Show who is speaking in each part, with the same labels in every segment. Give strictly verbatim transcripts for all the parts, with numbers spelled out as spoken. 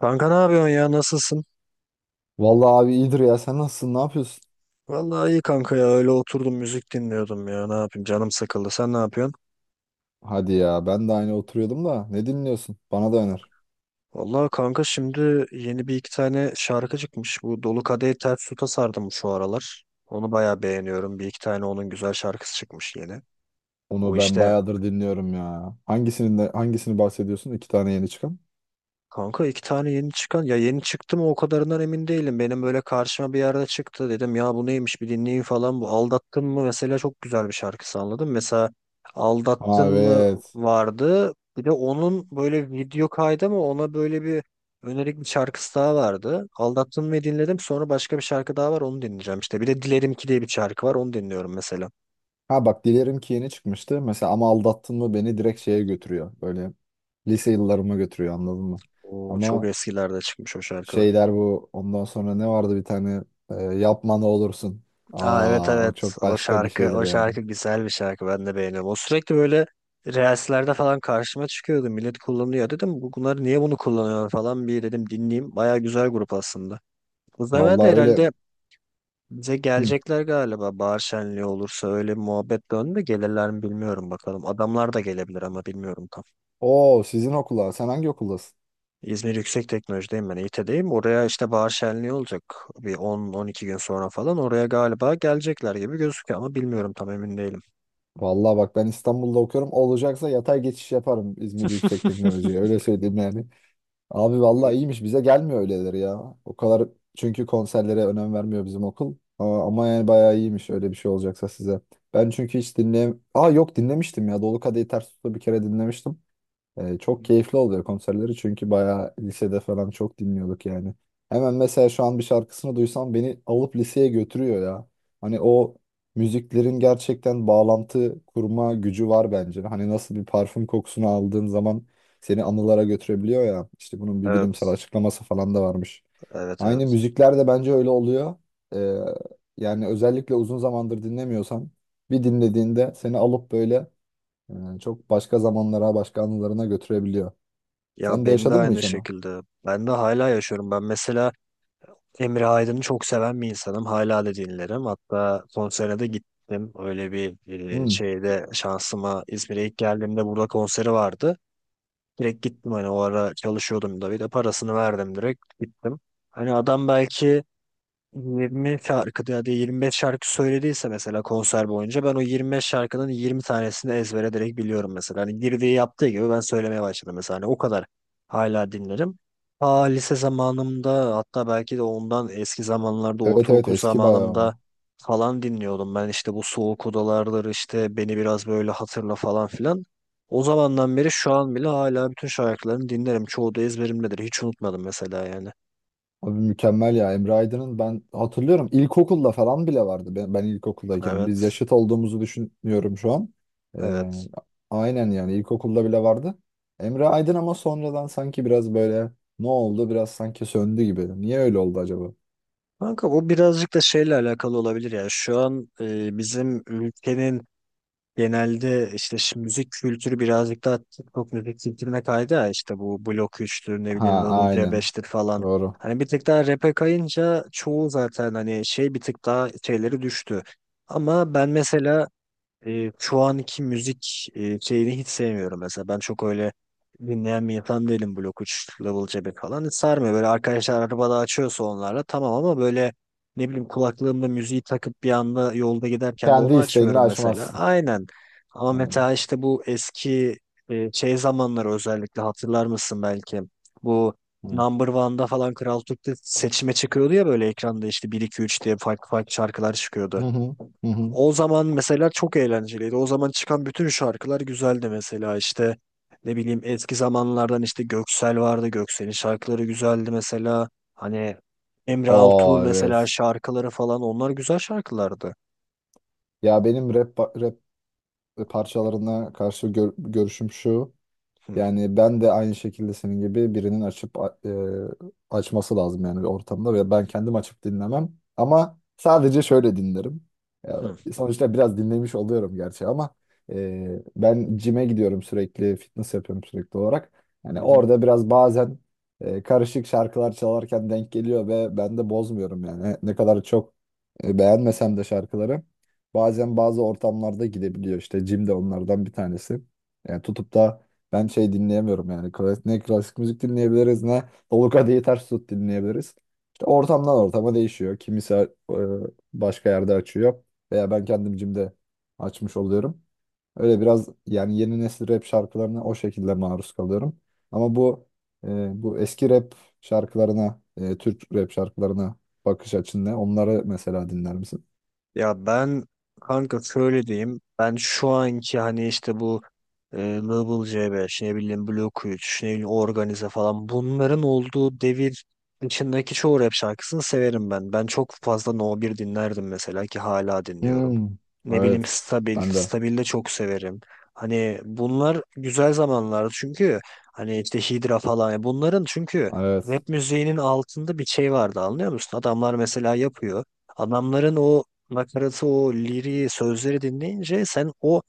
Speaker 1: Kanka ne yapıyorsun ya? Nasılsın?
Speaker 2: Vallahi abi iyidir ya. Sen nasılsın? Ne yapıyorsun?
Speaker 1: Vallahi iyi kanka ya. Öyle oturdum müzik dinliyordum ya. Ne yapayım? Canım sıkıldı. Sen ne yapıyorsun?
Speaker 2: Hadi ya. Ben de aynı oturuyordum da. Ne dinliyorsun? Bana da öner.
Speaker 1: Vallahi kanka şimdi yeni bir iki tane şarkı çıkmış. Bu Dolu Kadehi Ters Tut'a sardım şu aralar. Onu bayağı beğeniyorum. Bir iki tane onun güzel şarkısı çıkmış yeni. Bu
Speaker 2: Onu ben
Speaker 1: işte.
Speaker 2: bayağıdır dinliyorum ya. Hangisini de, hangisini bahsediyorsun? İki tane yeni çıkan.
Speaker 1: Kanka iki tane yeni çıkan ya, yeni çıktı mı o kadarından emin değilim. Benim böyle karşıma bir yerde çıktı, dedim ya bu neymiş bir dinleyeyim falan, bu Aldattın mı mesela çok güzel bir şarkısı anladım. Mesela Aldattın
Speaker 2: Ha,
Speaker 1: mı
Speaker 2: evet.
Speaker 1: vardı, bir de onun böyle video kaydı mı, ona böyle bir önerik bir şarkısı daha vardı. Aldattın mı dinledim, sonra başka bir şarkı daha var, onu dinleyeceğim işte. Bir de Dilerim ki diye bir şarkı var, onu dinliyorum mesela.
Speaker 2: Ha bak, Dilerim ki yeni çıkmıştı. Mesela ama aldattın mı beni direkt şeye götürüyor. Böyle lise yıllarıma götürüyor, anladın mı?
Speaker 1: O çok
Speaker 2: Ama
Speaker 1: eskilerde çıkmış o şarkı.
Speaker 2: şeyler bu. Ondan sonra ne vardı bir tane e, yapma ne olursun.
Speaker 1: Aa, evet
Speaker 2: Aa, o
Speaker 1: evet,
Speaker 2: çok
Speaker 1: o
Speaker 2: başka bir
Speaker 1: şarkı
Speaker 2: şeydir
Speaker 1: o
Speaker 2: yani.
Speaker 1: şarkı güzel bir şarkı, ben de beğeniyorum. O sürekli böyle reelslerde falan karşıma çıkıyordu. Millet kullanıyor dedim, "Bu- bunlar niye bunu kullanıyor falan," bir dedim dinleyeyim. Baya güzel grup aslında. Bu sefer de
Speaker 2: Vallahi öyle.
Speaker 1: herhalde bize
Speaker 2: Hı.
Speaker 1: gelecekler galiba, bahar şenliği olursa. Öyle bir muhabbet döndü, gelirler mi bilmiyorum, bakalım. Adamlar da gelebilir ama bilmiyorum tam.
Speaker 2: Oo, sizin okula. Sen hangi okuldasın?
Speaker 1: İzmir Yüksek Teknoloji'deyim ben, İT'deyim. Oraya işte bahar şenliği olacak bir on on iki gün sonra, falan oraya galiba gelecekler gibi gözüküyor ama bilmiyorum, tam emin değilim.
Speaker 2: Vallahi bak, ben İstanbul'da okuyorum. Olacaksa yatay geçiş yaparım İzmir Yüksek Teknoloji'ye. Öyle söyleyeyim yani. Abi vallahi
Speaker 1: Hı.
Speaker 2: iyiymiş. Bize gelmiyor öyleleri ya. O kadar çünkü konserlere önem vermiyor bizim okul. Aa, Ama yani bayağı iyiymiş öyle bir şey olacaksa size. Ben çünkü hiç dinleyem... Aa, yok, dinlemiştim ya. Dolu Kadehi Ters Tut'u bir kere dinlemiştim. Ee, çok keyifli oluyor konserleri çünkü bayağı lisede falan çok dinliyorduk yani. Hemen mesela şu an bir şarkısını duysam beni alıp liseye götürüyor ya. Hani o müziklerin gerçekten bağlantı kurma gücü var bence. Hani nasıl bir parfüm kokusunu aldığın zaman seni anılara götürebiliyor ya. İşte bunun bir bilimsel
Speaker 1: Evet,
Speaker 2: açıklaması falan da varmış.
Speaker 1: evet,
Speaker 2: Aynı
Speaker 1: evet.
Speaker 2: müzikler de bence öyle oluyor. Ee, Yani özellikle uzun zamandır dinlemiyorsan bir dinlediğinde seni alıp böyle yani çok başka zamanlara, başka anılarına götürebiliyor.
Speaker 1: Ya
Speaker 2: Sen de
Speaker 1: ben de
Speaker 2: yaşadın mı
Speaker 1: aynı
Speaker 2: hiç onu?
Speaker 1: şekilde. Ben de hala yaşıyorum. Ben mesela Emre Aydın'ı çok seven bir insanım. Hala da dinlerim. Hatta konserine de gittim. Öyle bir e,
Speaker 2: Hmm.
Speaker 1: şeyde, şansıma İzmir'e ilk geldiğimde burada konseri vardı. Direkt gittim, hani o ara çalışıyordum da, bir de parasını verdim, direkt gittim. Hani adam belki yirmi şarkı ya da yirmi beş şarkı söylediyse mesela, konser boyunca ben o yirmi beş şarkının yirmi tanesini ezbere direkt biliyorum mesela. Hani girdiği yaptığı gibi ben söylemeye başladım mesela. Hani o kadar, hala dinlerim. Ta lise zamanımda, hatta belki de ondan eski zamanlarda,
Speaker 2: Evet, evet,
Speaker 1: ortaokul
Speaker 2: eski bayağı
Speaker 1: zamanımda
Speaker 2: o.
Speaker 1: falan dinliyordum. Ben işte bu soğuk odalardır işte, beni biraz böyle hatırla falan filan. O zamandan beri şu an bile hala bütün şarkılarını dinlerim. Çoğu da ezberimdedir. Hiç unutmadım mesela yani.
Speaker 2: Abi mükemmel ya. Emre Aydın'ın ben hatırlıyorum ilkokulda falan bile vardı. Ben, ben ilkokuldayken. Biz
Speaker 1: Evet.
Speaker 2: yaşıt olduğumuzu düşünüyorum şu an. Ee,
Speaker 1: Evet.
Speaker 2: aynen, yani ilkokulda bile vardı. Emre Aydın ama sonradan sanki biraz böyle ne oldu, biraz sanki söndü gibi. Niye öyle oldu acaba?
Speaker 1: Kanka bu birazcık da şeyle alakalı olabilir ya. Şu an e, bizim ülkenin genelde işte şu müzik kültürü birazcık daha TikTok müzik kültürüne kaydı ya. İşte bu Blok üçtür, ne bileyim
Speaker 2: Ha,
Speaker 1: Double
Speaker 2: aynen.
Speaker 1: C beştir falan.
Speaker 2: Doğru.
Speaker 1: Hani bir tık daha rap'e kayınca çoğu zaten hani şey, bir tık daha şeyleri düştü. Ama ben mesela e, şu anki müzik e, şeyini hiç sevmiyorum mesela. Ben çok öyle dinleyen bir insan değilim. Blok üç, Level C beş falan hiç sarmıyor. Böyle arkadaşlar arabada açıyorsa onlarla tamam, ama böyle ne bileyim kulaklığımda müziği takıp bir anda yolda giderken de
Speaker 2: Kendi
Speaker 1: onu
Speaker 2: isteğinle
Speaker 1: açmıyorum mesela.
Speaker 2: açmazsın.
Speaker 1: Aynen. Ama
Speaker 2: Aynen.
Speaker 1: mesela işte bu eski e, şey zamanları özellikle hatırlar mısın belki? Bu
Speaker 2: Hı
Speaker 1: Number One'da falan, Kral Türk'te seçime çıkıyordu ya böyle ekranda, işte bir iki üç diye farklı farklı şarkılar
Speaker 2: hı
Speaker 1: çıkıyordu.
Speaker 2: hı, hı.
Speaker 1: O zaman mesela çok eğlenceliydi. O zaman çıkan bütün şarkılar güzeldi mesela. İşte ne bileyim, eski zamanlardan işte Göksel vardı. Göksel'in şarkıları güzeldi mesela. Hani Emre Altuğ
Speaker 2: Aa,
Speaker 1: mesela,
Speaker 2: evet.
Speaker 1: şarkıları falan, onlar güzel şarkılardı.
Speaker 2: Ya benim rap rap parçalarına karşı gör- görüşüm şu.
Speaker 1: Hı
Speaker 2: Yani ben de aynı şekilde senin gibi birinin açıp a- e, açması lazım yani bir ortamda, ve ben kendim açıp dinlemem. Ama sadece şöyle dinlerim. Ya,
Speaker 1: hı.
Speaker 2: sonuçta biraz dinlemiş oluyorum gerçi ama e, ben cime gidiyorum sürekli, fitness yapıyorum sürekli olarak. Yani
Speaker 1: Hı hı.
Speaker 2: orada biraz bazen e, karışık şarkılar çalarken denk geliyor ve ben de bozmuyorum yani. Ne kadar çok e, beğenmesem de şarkıları bazen bazı ortamlarda gidebiliyor. İşte cim de onlardan bir tanesi. Yani tutup da ben şey dinleyemiyorum yani. Klasik, ne klasik müzik dinleyebiliriz, ne Oluka diye ters tut dinleyebiliriz. İşte ortamdan ortama değişiyor. Kimisi e, başka yerde açıyor veya ben kendim cimde açmış oluyorum. Öyle biraz yani yeni nesil rap şarkılarına o şekilde maruz kalıyorum. Ama bu e, bu eski rap şarkılarına, e, Türk rap şarkılarına bakış açın ne? Onları mesela dinler misin?
Speaker 1: Ya ben kanka şöyle diyeyim. Ben şu anki hani işte bu e, Global C beş, ne bileyim Blok üç, ne bileyim Organize falan, bunların olduğu devir içindeki çoğu rap şarkısını severim ben. Ben çok fazla No bir dinlerdim mesela, ki hala dinliyorum.
Speaker 2: Hmm,
Speaker 1: Ne bileyim
Speaker 2: evet.
Speaker 1: Stabil,
Speaker 2: Ben de.
Speaker 1: Stabil de çok severim. Hani bunlar güzel zamanlardı, çünkü hani işte Hydra falan, bunların çünkü
Speaker 2: Evet.
Speaker 1: rap müziğinin altında bir şey vardı, anlıyor musun? Adamlar mesela yapıyor. Adamların o nakaratı, o liriği, sözleri dinleyince sen o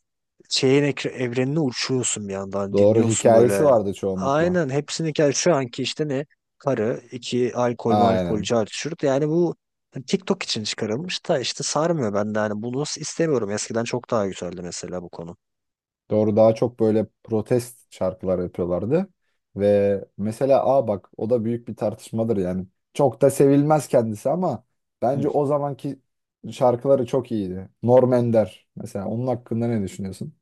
Speaker 1: şeyin ekre- evrenine uçuyorsun, bir yandan
Speaker 2: Doğru,
Speaker 1: dinliyorsun
Speaker 2: hikayesi
Speaker 1: böyle.
Speaker 2: vardı çoğunlukla.
Speaker 1: Aynen hepsini. Gel şu anki işte, ne karı iki alkol malkol
Speaker 2: Aynen.
Speaker 1: car çurt, yani bu hani TikTok için çıkarılmış da, işte sarmıyor bende yani, bunu istemiyorum. Eskiden çok daha güzeldi mesela bu konu.
Speaker 2: Doğru, daha çok böyle protest şarkılar yapıyorlardı. Ve mesela aa bak, o da büyük bir tartışmadır yani. Çok da sevilmez kendisi ama
Speaker 1: Hı.
Speaker 2: bence o zamanki şarkıları çok iyiydi. Norm Ender mesela, onun hakkında ne düşünüyorsun?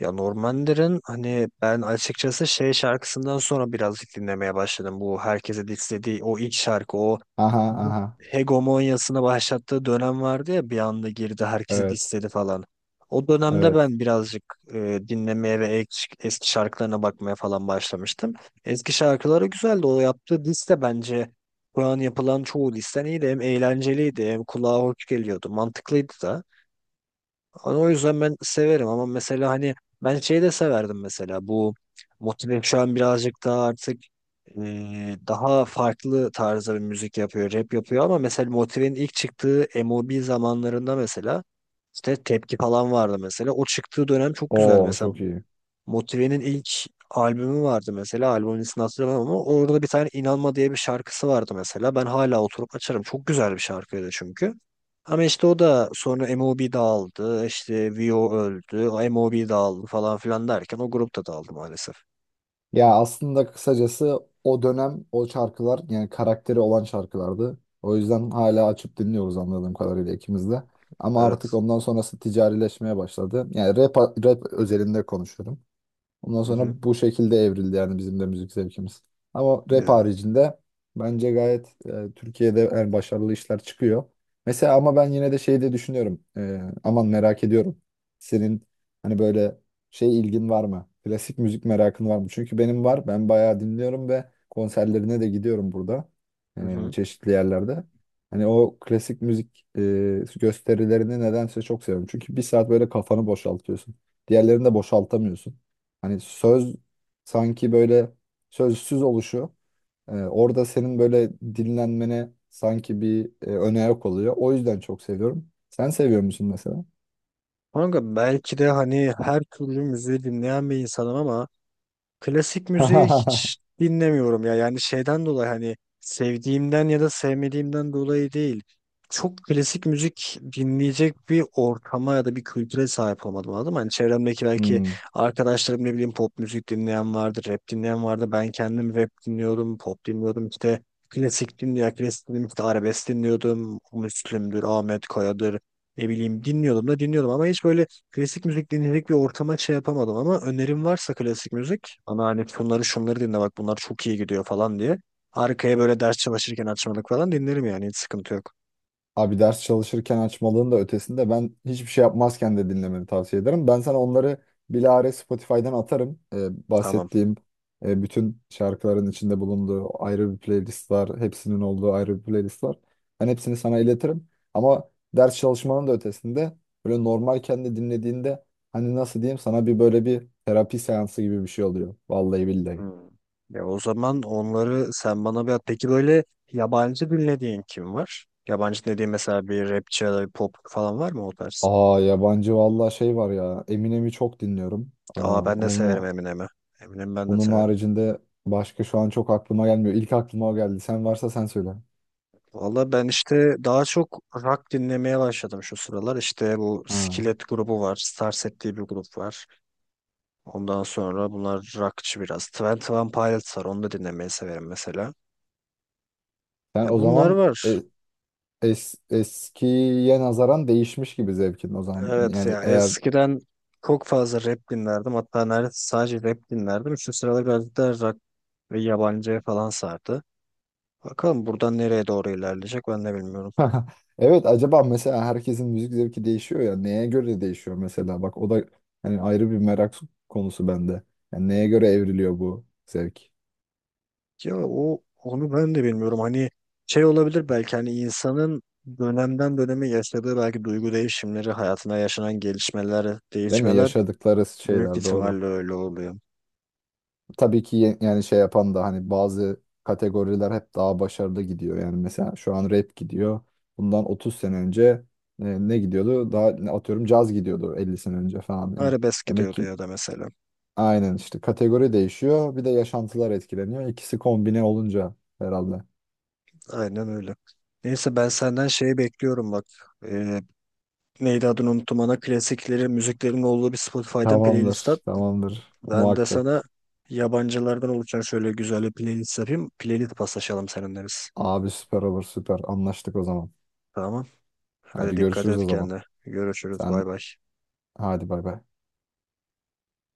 Speaker 1: Ya Normander'in, hani ben açıkçası şey şarkısından sonra birazcık dinlemeye başladım. Bu herkese dislediği o ilk şarkı, o
Speaker 2: Aha aha,
Speaker 1: hegemonyasını başlattığı dönem vardı ya, bir anda girdi, herkesi
Speaker 2: evet,
Speaker 1: dissedi falan. O dönemde
Speaker 2: evet.
Speaker 1: ben birazcık e, dinlemeye ve ek- eski şarkılarına bakmaya falan başlamıştım. Eski şarkıları güzeldi. O yaptığı liste bence şu an yapılan çoğu listen iyiydi. Hem eğlenceliydi, hem kulağa hoş geliyordu. Mantıklıydı da. Hani o yüzden ben severim, ama mesela hani ben şeyi de severdim mesela. Bu Motive şu an birazcık daha artık e, daha farklı tarzda bir müzik yapıyor, rap yapıyor, ama mesela Motive'nin ilk çıktığı MOB zamanlarında mesela işte Tepki falan vardı mesela. O çıktığı dönem çok güzel
Speaker 2: Oo,
Speaker 1: mesela.
Speaker 2: çok iyi.
Speaker 1: Motive'nin ilk albümü vardı mesela. Albümün ismini hatırlamam, ama orada bir tane İnanma diye bir şarkısı vardı mesela. Ben hala oturup açarım. Çok güzel bir şarkıydı çünkü. Ama işte o da sonra MOB dağıldı, işte Vio öldü, MOB dağıldı falan filan derken o grup da dağıldı maalesef.
Speaker 2: Ya aslında kısacası o dönem o şarkılar yani karakteri olan şarkılardı. O yüzden hala açıp dinliyoruz anladığım kadarıyla ikimiz de. Ama artık
Speaker 1: Evet.
Speaker 2: ondan sonrası ticarileşmeye başladı. Yani rap, rap özelinde konuşuyorum. Ondan
Speaker 1: Hı hı.
Speaker 2: sonra bu şekilde evrildi yani bizim de müzik zevkimiz. Ama rap
Speaker 1: Ya,
Speaker 2: haricinde bence gayet e, Türkiye'de en başarılı işler çıkıyor. Mesela ama ben yine de şey de düşünüyorum. E, aman merak ediyorum. Senin hani böyle şey ilgin var mı? Klasik müzik merakın var mı? Çünkü benim var. Ben bayağı dinliyorum ve konserlerine de gidiyorum burada.
Speaker 1: hı
Speaker 2: E,
Speaker 1: hı.
Speaker 2: çeşitli yerlerde. Hani o klasik müzik e, gösterilerini nedense çok seviyorum. Çünkü bir saat böyle kafanı boşaltıyorsun. Diğerlerini de boşaltamıyorsun. Hani söz sanki böyle sözsüz oluşu e, orada senin böyle dinlenmene sanki bir e, öne oluyor. O yüzden çok seviyorum. Sen seviyor musun mesela?
Speaker 1: Kanka belki de hani her türlü müziği dinleyen bir insanım, ama klasik müziği hiç dinlemiyorum ya. Yani şeyden dolayı, hani sevdiğimden ya da sevmediğimden dolayı değil. Çok klasik müzik dinleyecek bir ortama ya da bir kültüre sahip olmadım, anladın mı? Hani çevremdeki belki
Speaker 2: Hmm.
Speaker 1: arkadaşlarım, ne bileyim, pop müzik dinleyen vardı, rap dinleyen vardı. Ben kendim rap dinliyordum, pop dinliyordum işte. Klasik dinliyor, klasik dinliyordum, işte arabesk dinliyordum. Müslüm'dür, Ahmet Kaya'dır. Ne bileyim dinliyordum da dinliyordum, ama hiç böyle klasik müzik dinledik bir ortama şey yapamadım. Ama önerim varsa klasik müzik, ama hani şunları şunları dinle, bak bunlar çok iyi gidiyor falan diye. Arkaya böyle ders çalışırken açmalık falan dinlerim yani, hiç sıkıntı yok.
Speaker 2: Abi ders çalışırken açmalığın da ötesinde ben hiçbir şey yapmazken de dinlemeni tavsiye ederim. Ben sana onları bilahare Spotify'dan atarım. Ee,
Speaker 1: Tamam.
Speaker 2: bahsettiğim e, bütün şarkıların içinde bulunduğu ayrı bir playlist var. Hepsinin olduğu ayrı bir playlist var. Ben hepsini sana iletirim. Ama ders çalışmanın da ötesinde böyle normal kendi dinlediğinde hani nasıl diyeyim sana, bir böyle bir terapi seansı gibi bir şey oluyor. Vallahi billahi.
Speaker 1: Hmm. Ya o zaman onları sen bana bir at. Peki böyle yabancı dinlediğin kim var? Yabancı dediğin mesela, bir rapçi ya da bir pop falan var mı o tarz?
Speaker 2: Aa, yabancı vallahi şey var ya. Eminem'i çok dinliyorum. Aa,
Speaker 1: Aa, ben de severim
Speaker 2: onu
Speaker 1: Eminem'i. Eminem'i ben de
Speaker 2: bunun
Speaker 1: severim.
Speaker 2: haricinde başka şu an çok aklıma gelmiyor. İlk aklıma o geldi. Sen varsa sen söyle.
Speaker 1: Valla ben işte daha çok rock dinlemeye başladım şu sıralar. İşte bu
Speaker 2: Ha.
Speaker 1: Skillet grubu var. Starset diye bir grup var. Ondan sonra bunlar rockçı biraz. Twenty One Pilots var. Onu da dinlemeyi severim mesela.
Speaker 2: Sen
Speaker 1: Ya
Speaker 2: o
Speaker 1: bunlar
Speaker 2: zaman
Speaker 1: var.
Speaker 2: e- es- eskiye nazaran değişmiş gibi zevkin o zaman.
Speaker 1: Evet
Speaker 2: Yani
Speaker 1: ya,
Speaker 2: eğer
Speaker 1: eskiden çok fazla rap dinlerdim. Hatta neredeyse sadece rap dinlerdim. Şu sıralar biraz da rock ve yabancı falan sardı. Bakalım buradan nereye doğru ilerleyecek, ben de bilmiyorum.
Speaker 2: evet, acaba mesela herkesin müzik zevki değişiyor ya, neye göre değişiyor mesela bak, o da hani ayrı bir merak konusu bende. Yani neye göre evriliyor bu zevk?
Speaker 1: Ya o, onu ben de bilmiyorum. Hani şey olabilir belki, hani insanın dönemden döneme yaşadığı belki duygu değişimleri, hayatına yaşanan gelişmeler,
Speaker 2: Değil mi?
Speaker 1: değişmeler,
Speaker 2: Yaşadıkları
Speaker 1: büyük
Speaker 2: şeyler, doğru.
Speaker 1: ihtimalle öyle oluyor.
Speaker 2: Tabii ki, ye- yani şey yapan da hani bazı kategoriler hep daha başarılı gidiyor. Yani mesela şu an rap gidiyor. Bundan otuz sene önce e, ne gidiyordu? Daha ne atıyorum, caz gidiyordu elli sene önce falan. Yani
Speaker 1: Arabesk
Speaker 2: demek
Speaker 1: gidiyordu
Speaker 2: ki
Speaker 1: ya da mesela.
Speaker 2: aynen işte kategori değişiyor. Bir de yaşantılar etkileniyor. İkisi kombine olunca herhalde.
Speaker 1: Aynen öyle. Neyse, ben senden şeyi bekliyorum bak. Ee, Neydi adını unuttum, ana klasikleri, müziklerin olduğu bir Spotify'dan playlist at.
Speaker 2: Tamamdır, tamamdır.
Speaker 1: Ben de
Speaker 2: Muhakkak.
Speaker 1: sana yabancılardan oluşan şöyle güzel bir playlist yapayım. Playlist paslaşalım seninle biz.
Speaker 2: Abi süper olur, süper. Anlaştık o zaman.
Speaker 1: Tamam. Hadi
Speaker 2: Hadi
Speaker 1: dikkat
Speaker 2: görüşürüz o
Speaker 1: et
Speaker 2: zaman.
Speaker 1: kendine. Görüşürüz.
Speaker 2: Sen
Speaker 1: Bay bay.
Speaker 2: hadi, bay bay.